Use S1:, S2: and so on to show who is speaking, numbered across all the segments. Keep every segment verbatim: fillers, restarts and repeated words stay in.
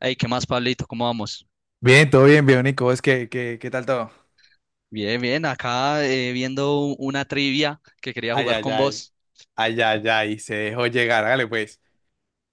S1: Hey, ¿qué más, Pablito? ¿Cómo vamos?
S2: Bien, todo bien, Bionico. Es que, que- ¿qué tal todo?
S1: Bien, bien, acá eh, viendo u- una trivia que quería
S2: Ay,
S1: jugar
S2: ay,
S1: con
S2: ay,
S1: vos.
S2: ay, ay, ay, se dejó llegar, hágale pues,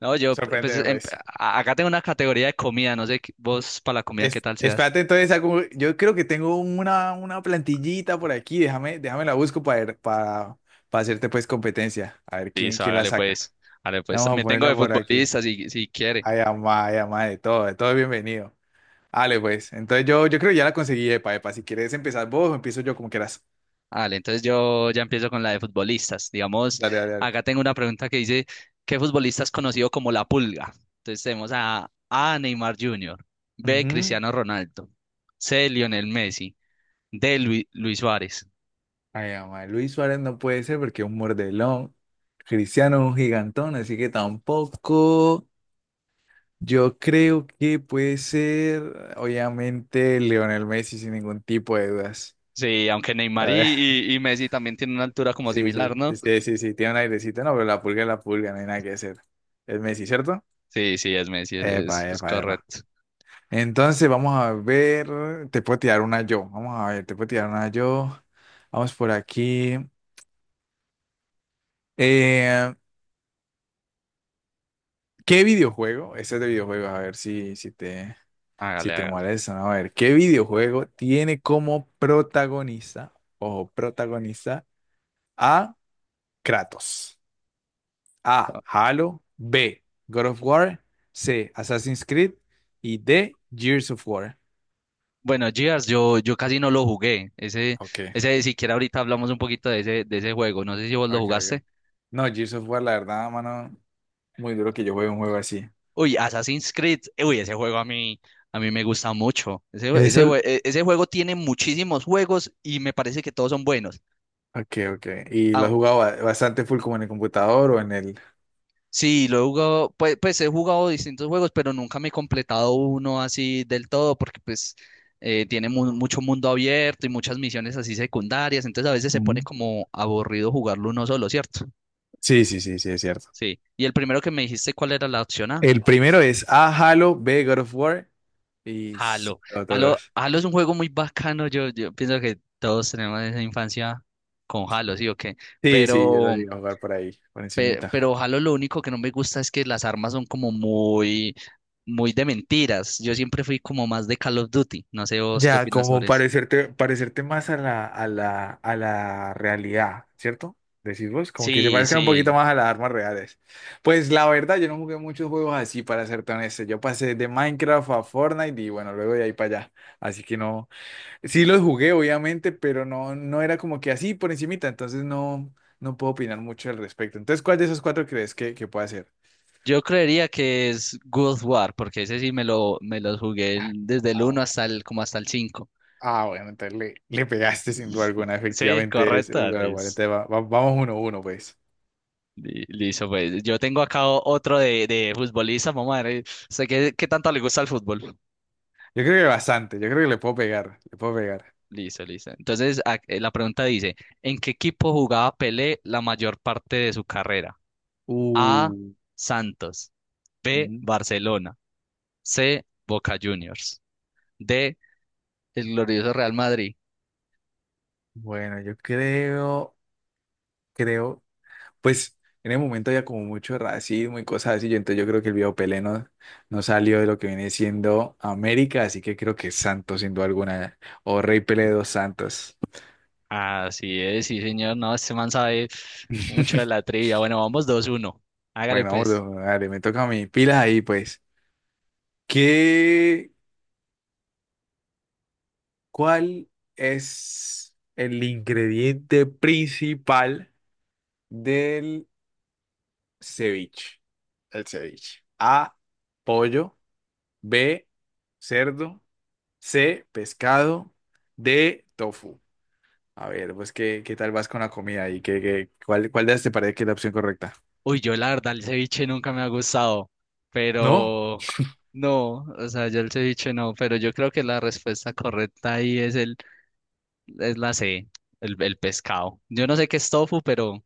S1: No, yo, p- pues,
S2: sorprendeme
S1: em-
S2: pues.
S1: a- acá tengo una categoría de comida, no sé, qué- vos para la comida, ¿qué
S2: Es,
S1: tal seas?
S2: espérate, entonces, hago- yo creo que tengo una, una plantillita por aquí, déjame, déjame la busco para, ver- para, para hacerte pues competencia, a ver quién,
S1: Listo,
S2: quién la
S1: hágale
S2: saca.
S1: pues, hágale pues.
S2: Vamos a
S1: También tengo
S2: ponerla
S1: de
S2: por aquí.
S1: futbolistas, si, si quiere.
S2: Ay, amá, ay, amá, de todo, de todo bienvenido. Dale pues, entonces yo, yo creo que ya la conseguí, epa, epa, si quieres empezar vos, o empiezo yo como quieras.
S1: Vale, entonces yo ya empiezo con la de futbolistas. Digamos,
S2: Dale, dale, dale.
S1: acá tengo una pregunta que dice, ¿qué futbolista es conocido como la Pulga? Entonces tenemos a A, Neymar junior, B,
S2: Ujú.
S1: Cristiano Ronaldo, C, Lionel Messi, D, Lui- Luis Suárez.
S2: Ay, ama, Luis Suárez no puede ser porque es un mordelón. Cristiano es un gigantón, así que tampoco. Yo creo que puede ser, obviamente, Lionel Messi sin ningún tipo de dudas.
S1: Sí, aunque Neymar
S2: A
S1: y,
S2: ver,
S1: y, y Messi también tienen una altura como
S2: sí,
S1: similar,
S2: sí,
S1: ¿no?
S2: sí, sí, sí, tiene un airecito, no, pero la pulga es la pulga, no hay nada que hacer. Es Messi, ¿cierto?
S1: Sí, sí, es Messi, es,
S2: Epa,
S1: es- es
S2: epa, epa.
S1: correcto.
S2: Entonces, vamos a ver, te puedo tirar una yo. Vamos a ver, te puedo tirar una yo. Vamos por aquí. Eh, ¿Qué videojuego? Este es de videojuegos, a ver si, si te, si
S1: Hágale,
S2: te
S1: hágale.
S2: molesta, ¿no? A ver, ¿qué videojuego tiene como protagonista, o protagonista, a Kratos? A, Halo. B, God of War. C, Assassin's Creed. Y D, Gears of War.
S1: Bueno, Gears, yo, yo casi no lo jugué. Ese,
S2: Ok,
S1: ese, siquiera ahorita hablamos un poquito de ese, de ese juego. No sé si vos lo
S2: ok, ok.
S1: jugaste.
S2: No, Gears of War, la verdad, mano, muy duro que yo juegue un juego así.
S1: Uy, Assassin's Creed. Uy, ese juego a mí, a mí me gusta mucho. Ese, jue- ese,
S2: Eso.
S1: jue- e- ese juego tiene muchísimos juegos y me parece que todos son buenos.
S2: Ok, ok. ¿Y lo
S1: Ah,
S2: has jugado ba- bastante full como en el computador o en el?
S1: sí, lo he jugado, pues, pues he jugado distintos juegos, pero nunca me he completado uno así del todo, porque pues eh, tiene mu- mucho mundo abierto y muchas misiones así secundarias, entonces a veces se pone
S2: Mm.
S1: como aburrido jugarlo uno solo, ¿cierto?
S2: Sí, sí, sí, sí, es cierto.
S1: Sí. Y el primero que me dijiste, ¿cuál era la opción A?
S2: El primero es A, Halo. B, God of War y s-
S1: Halo. Halo,
S2: otros.
S1: Halo es un juego muy bacano, yo, yo pienso que todos tenemos esa infancia con Halo, ¿sí o qué?
S2: Sí, sí, yo lo
S1: Pero,
S2: llegué a jugar por ahí, por
S1: pe-
S2: encimita.
S1: pero Halo lo único que no me gusta es que las armas son como muy muy de mentiras. Yo siempre fui como más de Call of Duty. No sé vos qué
S2: Ya,
S1: opinas
S2: como
S1: sobre eso.
S2: parecerte, parecerte más a la, a la, a la realidad, ¿cierto? Decís vos, como que se
S1: Sí,
S2: parezcan un
S1: sí.
S2: poquito más a las armas reales. Pues la verdad, yo no jugué muchos juegos así, para ser honesto. Yo pasé de Minecraft a Fortnite y bueno, luego de ahí para allá. Así que no. Sí los jugué, obviamente, pero no, no era como que así por encimita, entonces no, no puedo opinar mucho al respecto. Entonces, ¿cuál de esos cuatro crees que, que puede hacer?
S1: Yo creería que es God of War, porque ese sí me lo, me lo jugué
S2: Ah,
S1: el- desde el
S2: ah,
S1: uno
S2: bu-
S1: hasta el, como hasta el cinco.
S2: ah, bueno, entonces le, le pegaste sin duda alguna,
S1: Sí,
S2: efectivamente es, es
S1: correcta,
S2: God of War.
S1: Liz.
S2: Entonces, va- va- vamos uno a uno, pues.
S1: Li- Listo, pues yo tengo acá o- otro de, de futbolista, mamá. Eh, sé que, qué tanto le gusta el fútbol.
S2: Yo creo que bastante, yo creo que le puedo pegar, le puedo pegar.
S1: Listo, listo. Entonces, a- eh, la pregunta dice, ¿en qué equipo jugaba Pelé la mayor parte de su carrera? A,
S2: Uh,
S1: Santos. B,
S2: ujú.
S1: Barcelona. C, Boca Juniors. D, el glorioso Real Madrid.
S2: Bueno, yo creo, creo Pues en el momento había como mucho racismo y cosas así, yo, entonces yo creo que el viejo Pelé no, no salió de lo que viene siendo América, así que creo que es Santos sin duda alguna, o Rey Pelé de los Santos.
S1: Así es, sí, señor. No, este man sabe mucho de la trivia. Bueno, vamos dos uno. Hágale
S2: Bueno,
S1: pues.
S2: vamos, dale, me toca a mí, pilas ahí pues. ¿Qué, cuál es el ingrediente principal del ceviche? El ceviche. A, pollo. B, cerdo. C, pescado. D, tofu. A ver, pues, ¿qué, qué tal vas con la comida y qué, qué- cuál, cuál de las te parece que es la opción correcta?
S1: Uy, yo la verdad el ceviche nunca me ha gustado,
S2: No,
S1: pero no, o sea, yo el ceviche no, pero yo creo que la respuesta correcta ahí es el es la C, el, el pescado. Yo no sé qué es tofu, pero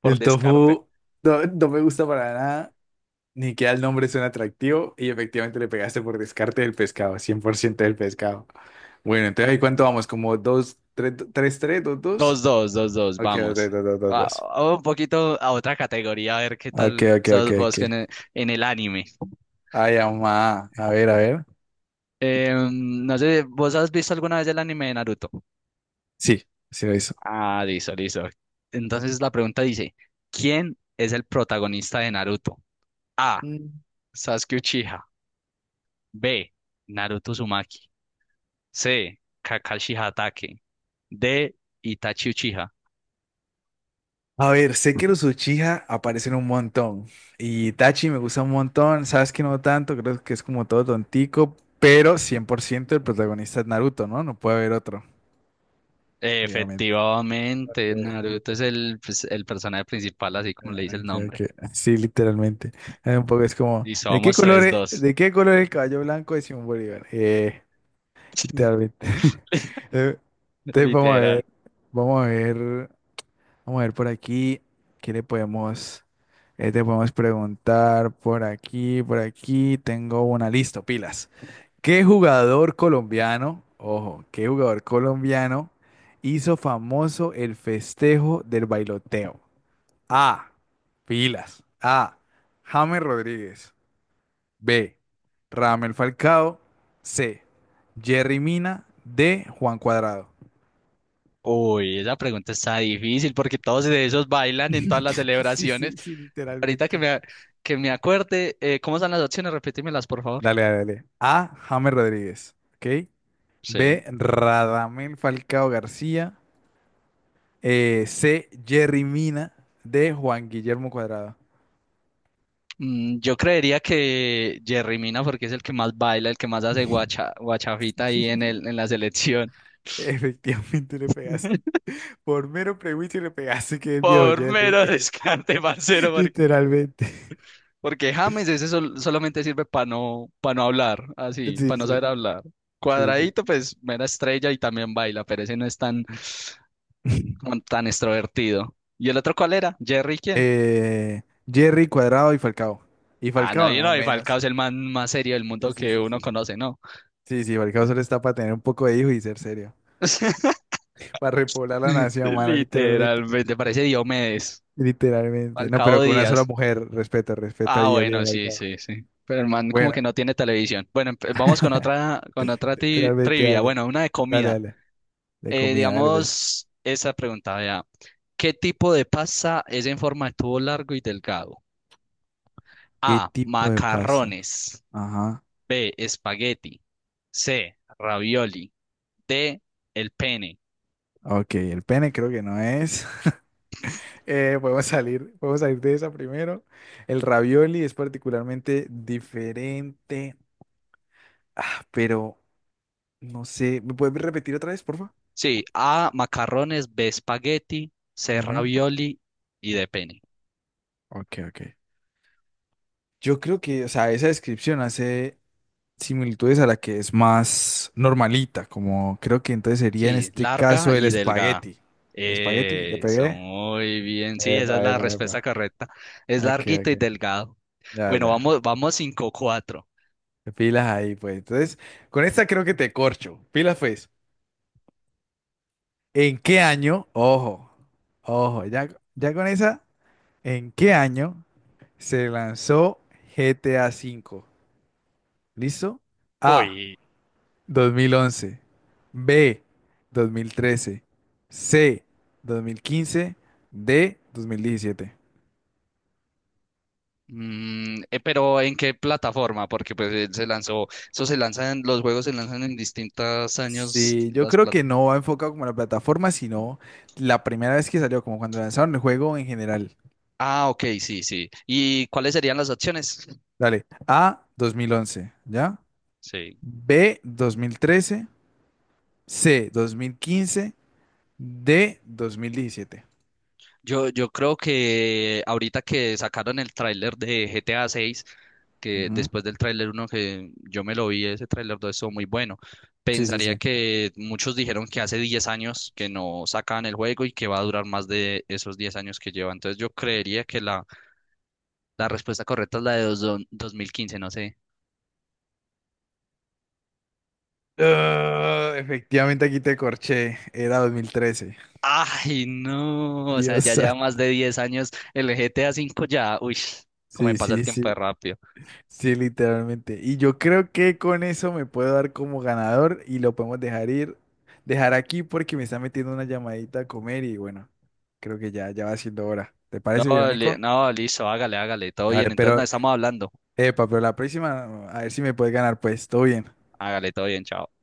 S1: por
S2: el
S1: descarte.
S2: tofu no, no me gusta para nada, ni que el nombre suena atractivo y efectivamente le pegaste por descarte del pescado, cien por ciento del pescado. Bueno, entonces, ¿ahí cuánto vamos? ¿Como dos tres, tres tres, dos dos?
S1: Dos, dos, dos, dos,
S2: Ok,
S1: vamos.
S2: dos, dos, dos,
S1: A-
S2: dos.
S1: a un poquito a otra categoría, a ver qué
S2: Ok,
S1: tal
S2: ok, ok,
S1: sos vos en
S2: ok.
S1: el, en el anime.
S2: Ay, mamá. A ver, a ver.
S1: Em, no sé, ¿vos has visto alguna vez el anime de Naruto?
S2: Sí, sí lo hizo.
S1: Ah, listo, listo. Entonces la pregunta dice, ¿quién es el protagonista de Naruto? A. Sasuke Uchiha. B. Naruto Uzumaki. C. Kakashi Hatake. D. Itachi Uchiha.
S2: A ver, sé que los Uchiha aparecen un montón. Y Itachi me gusta un montón. Sabes que no tanto, creo que es como todo tontico. Pero cien por ciento el protagonista es Naruto, ¿no? No puede haber otro, obviamente.
S1: Efectivamente,
S2: Ok,
S1: Naruto es el, pues, el personaje principal, así como le dice el
S2: ok, ok.
S1: nombre.
S2: Sí, literalmente. Eh, Un poco es como,
S1: Listo,
S2: ¿de qué
S1: vamos
S2: color
S1: tres
S2: es,
S1: dos
S2: de qué color es el caballo blanco de Simón Bolívar? Eh, literalmente. Eh, Entonces vamos a
S1: Literal.
S2: ver, vamos a ver. Vamos a ver por aquí qué le podemos, eh, te podemos preguntar por aquí, por aquí. Tengo una lista, pilas. ¿Qué jugador colombiano, ojo, qué jugador colombiano hizo famoso el festejo del bailoteo? A, pilas. A, James Rodríguez. B, Ramel Falcao. C, Jerry Mina. D, Juan Cuadrado.
S1: Uy, esa pregunta está difícil porque todos de esos bailan en todas las
S2: Sí,
S1: celebraciones.
S2: sí, sí,
S1: Ahorita que
S2: literalmente.
S1: me, que me acuerde, eh, ¿cómo están las opciones? Repítemelas, por favor.
S2: Dale, dale, dale. A, James Rodríguez. ¿Ok?
S1: Sí.
S2: B, Radamel Falcao García. Eh, C, Jerry Mina. D, Juan Guillermo Cuadrado.
S1: Mm, yo creería que Jerry Mina porque es el que más baila, el que más hace guacha, guachafita ahí en el, en la selección.
S2: Efectivamente le pegaste. Por mero prejuicio le pegaste que es viejo
S1: Por
S2: Jerry.
S1: mero descarte, parcero,
S2: Literalmente.
S1: porque James ese sol- solamente sirve para no, para no hablar, así,
S2: Sí,
S1: para no
S2: sí,
S1: saber hablar.
S2: sí, sí.
S1: Cuadradito, pues mera estrella y también baila, pero ese no es tan, como tan extrovertido. ¿Y el otro cuál era? ¿Jerry quién?
S2: Eh, Jerry Cuadrado y Falcao. Y
S1: Ah, no,
S2: Falcao
S1: yo
S2: no,
S1: no, y Falcao
S2: menos.
S1: es el man más serio del
S2: Sí,
S1: mundo
S2: sí,
S1: que
S2: sí,
S1: uno
S2: sí. Sí,
S1: conoce, ¿no?
S2: sí, sí, Falcao solo está para tener un poco de hijo y ser serio. Para repoblar la nación, mano, literalmente.
S1: Literalmente, parece Diomedes.
S2: Literalmente. No, pero
S1: Falcao
S2: con una sola
S1: Díaz.
S2: mujer. Respeta, respeta
S1: Ah,
S2: ahí al viejo
S1: bueno, sí,
S2: mercado.
S1: sí, sí. Pero el man como que
S2: Bueno,
S1: no tiene televisión. Bueno, empe- vamos con otra, con otra ti-
S2: literalmente,
S1: trivia.
S2: dale.
S1: Bueno, una de
S2: Dale,
S1: comida.
S2: dale. De
S1: Eh,
S2: comida, Alves.
S1: digamos, esa pregunta, vea. ¿Qué tipo de pasta es en forma de tubo largo y delgado?
S2: ¿Qué
S1: A.
S2: tipo de pasta?
S1: Macarrones.
S2: Ajá.
S1: B. Espagueti. C. Ravioli. D. El pene.
S2: Ok, el pene creo que no es. Eh, podemos salir, podemos salir de esa primero. El ravioli es particularmente diferente. Ah, pero no sé. ¿Me puedes repetir otra vez, por favor?
S1: Sí, A. Macarrones. B. Espagueti. C.
S2: Ujú.
S1: Ravioli. Y D. Pene.
S2: Ok, ok. Yo creo que, o sea, esa descripción hace similitudes a la que es más normalita, como creo que entonces sería en
S1: Sí,
S2: este
S1: larga
S2: caso el
S1: y delgada.
S2: espagueti. ¿Espagueti? ¿Le
S1: Eso,
S2: pegué?
S1: muy bien. Sí, esa es
S2: Epa,
S1: la
S2: epa,
S1: respuesta
S2: epa.
S1: correcta. Es
S2: Ok,
S1: larguito
S2: ok.
S1: y delgado.
S2: Ya,
S1: Bueno,
S2: ya.
S1: vamos, vamos cinco cuatro.
S2: Pilas ahí, pues. Entonces, con esta creo que te corcho. Pilas, pues. ¿En qué año? Ojo, ojo, ya, ya con esa, ¿en qué año se lanzó G T A V? ¿Listo? A,
S1: Uy,
S2: dos mil once. B, dos mil trece. C, dos mil quince. D, dos mil diecisiete.
S1: mm, eh, pero ¿en qué plataforma? Porque pues eh, se lanzó, eso se lanzan, los juegos se lanzan en distintos años
S2: Sí, yo
S1: las
S2: creo que
S1: plataformas.
S2: no va enfocado como a la plataforma, sino la primera vez que salió, como cuando lanzaron el juego en general.
S1: Ah, ok, sí, sí. ¿Y cuáles serían las opciones?
S2: Dale, A, dos mil once, ¿ya?
S1: Sí.
S2: B, dos mil trece. C, dos mil quince. D, dos mil diecisiete.
S1: Yo, yo creo que ahorita que sacaron el tráiler de G T A seis, que
S2: Ujú.
S1: después del tráiler uno que yo me lo vi, ese tráiler dos estuvo muy bueno.
S2: Sí, sí,
S1: Pensaría
S2: sí.
S1: que muchos dijeron que hace diez años que no sacaban el juego y que va a durar más de esos diez años que lleva. Entonces yo creería que la la respuesta correcta es la de dos- don- dos mil quince, no sé.
S2: Ah, efectivamente aquí te corché, era dos mil trece.
S1: Ay, no, o sea,
S2: Dios
S1: ya lleva más
S2: santo.
S1: de diez años el G T A cinco ya, uy, cómo me
S2: Sí,
S1: pasa el
S2: sí,
S1: tiempo de
S2: sí.
S1: rápido.
S2: Sí, literalmente. Y yo creo que con eso me puedo dar como ganador y lo podemos dejar ir, dejar aquí porque me está metiendo una llamadita a comer y bueno, creo que ya, ya va siendo hora. ¿Te
S1: No,
S2: parece,
S1: li-
S2: Bionico?
S1: no, listo, hágale, hágale, todo bien,
S2: Vale,
S1: entonces no
S2: pero,
S1: estamos hablando.
S2: epa, pero la próxima, a ver si me puedes ganar, pues, todo bien.
S1: Hágale, todo bien, chao.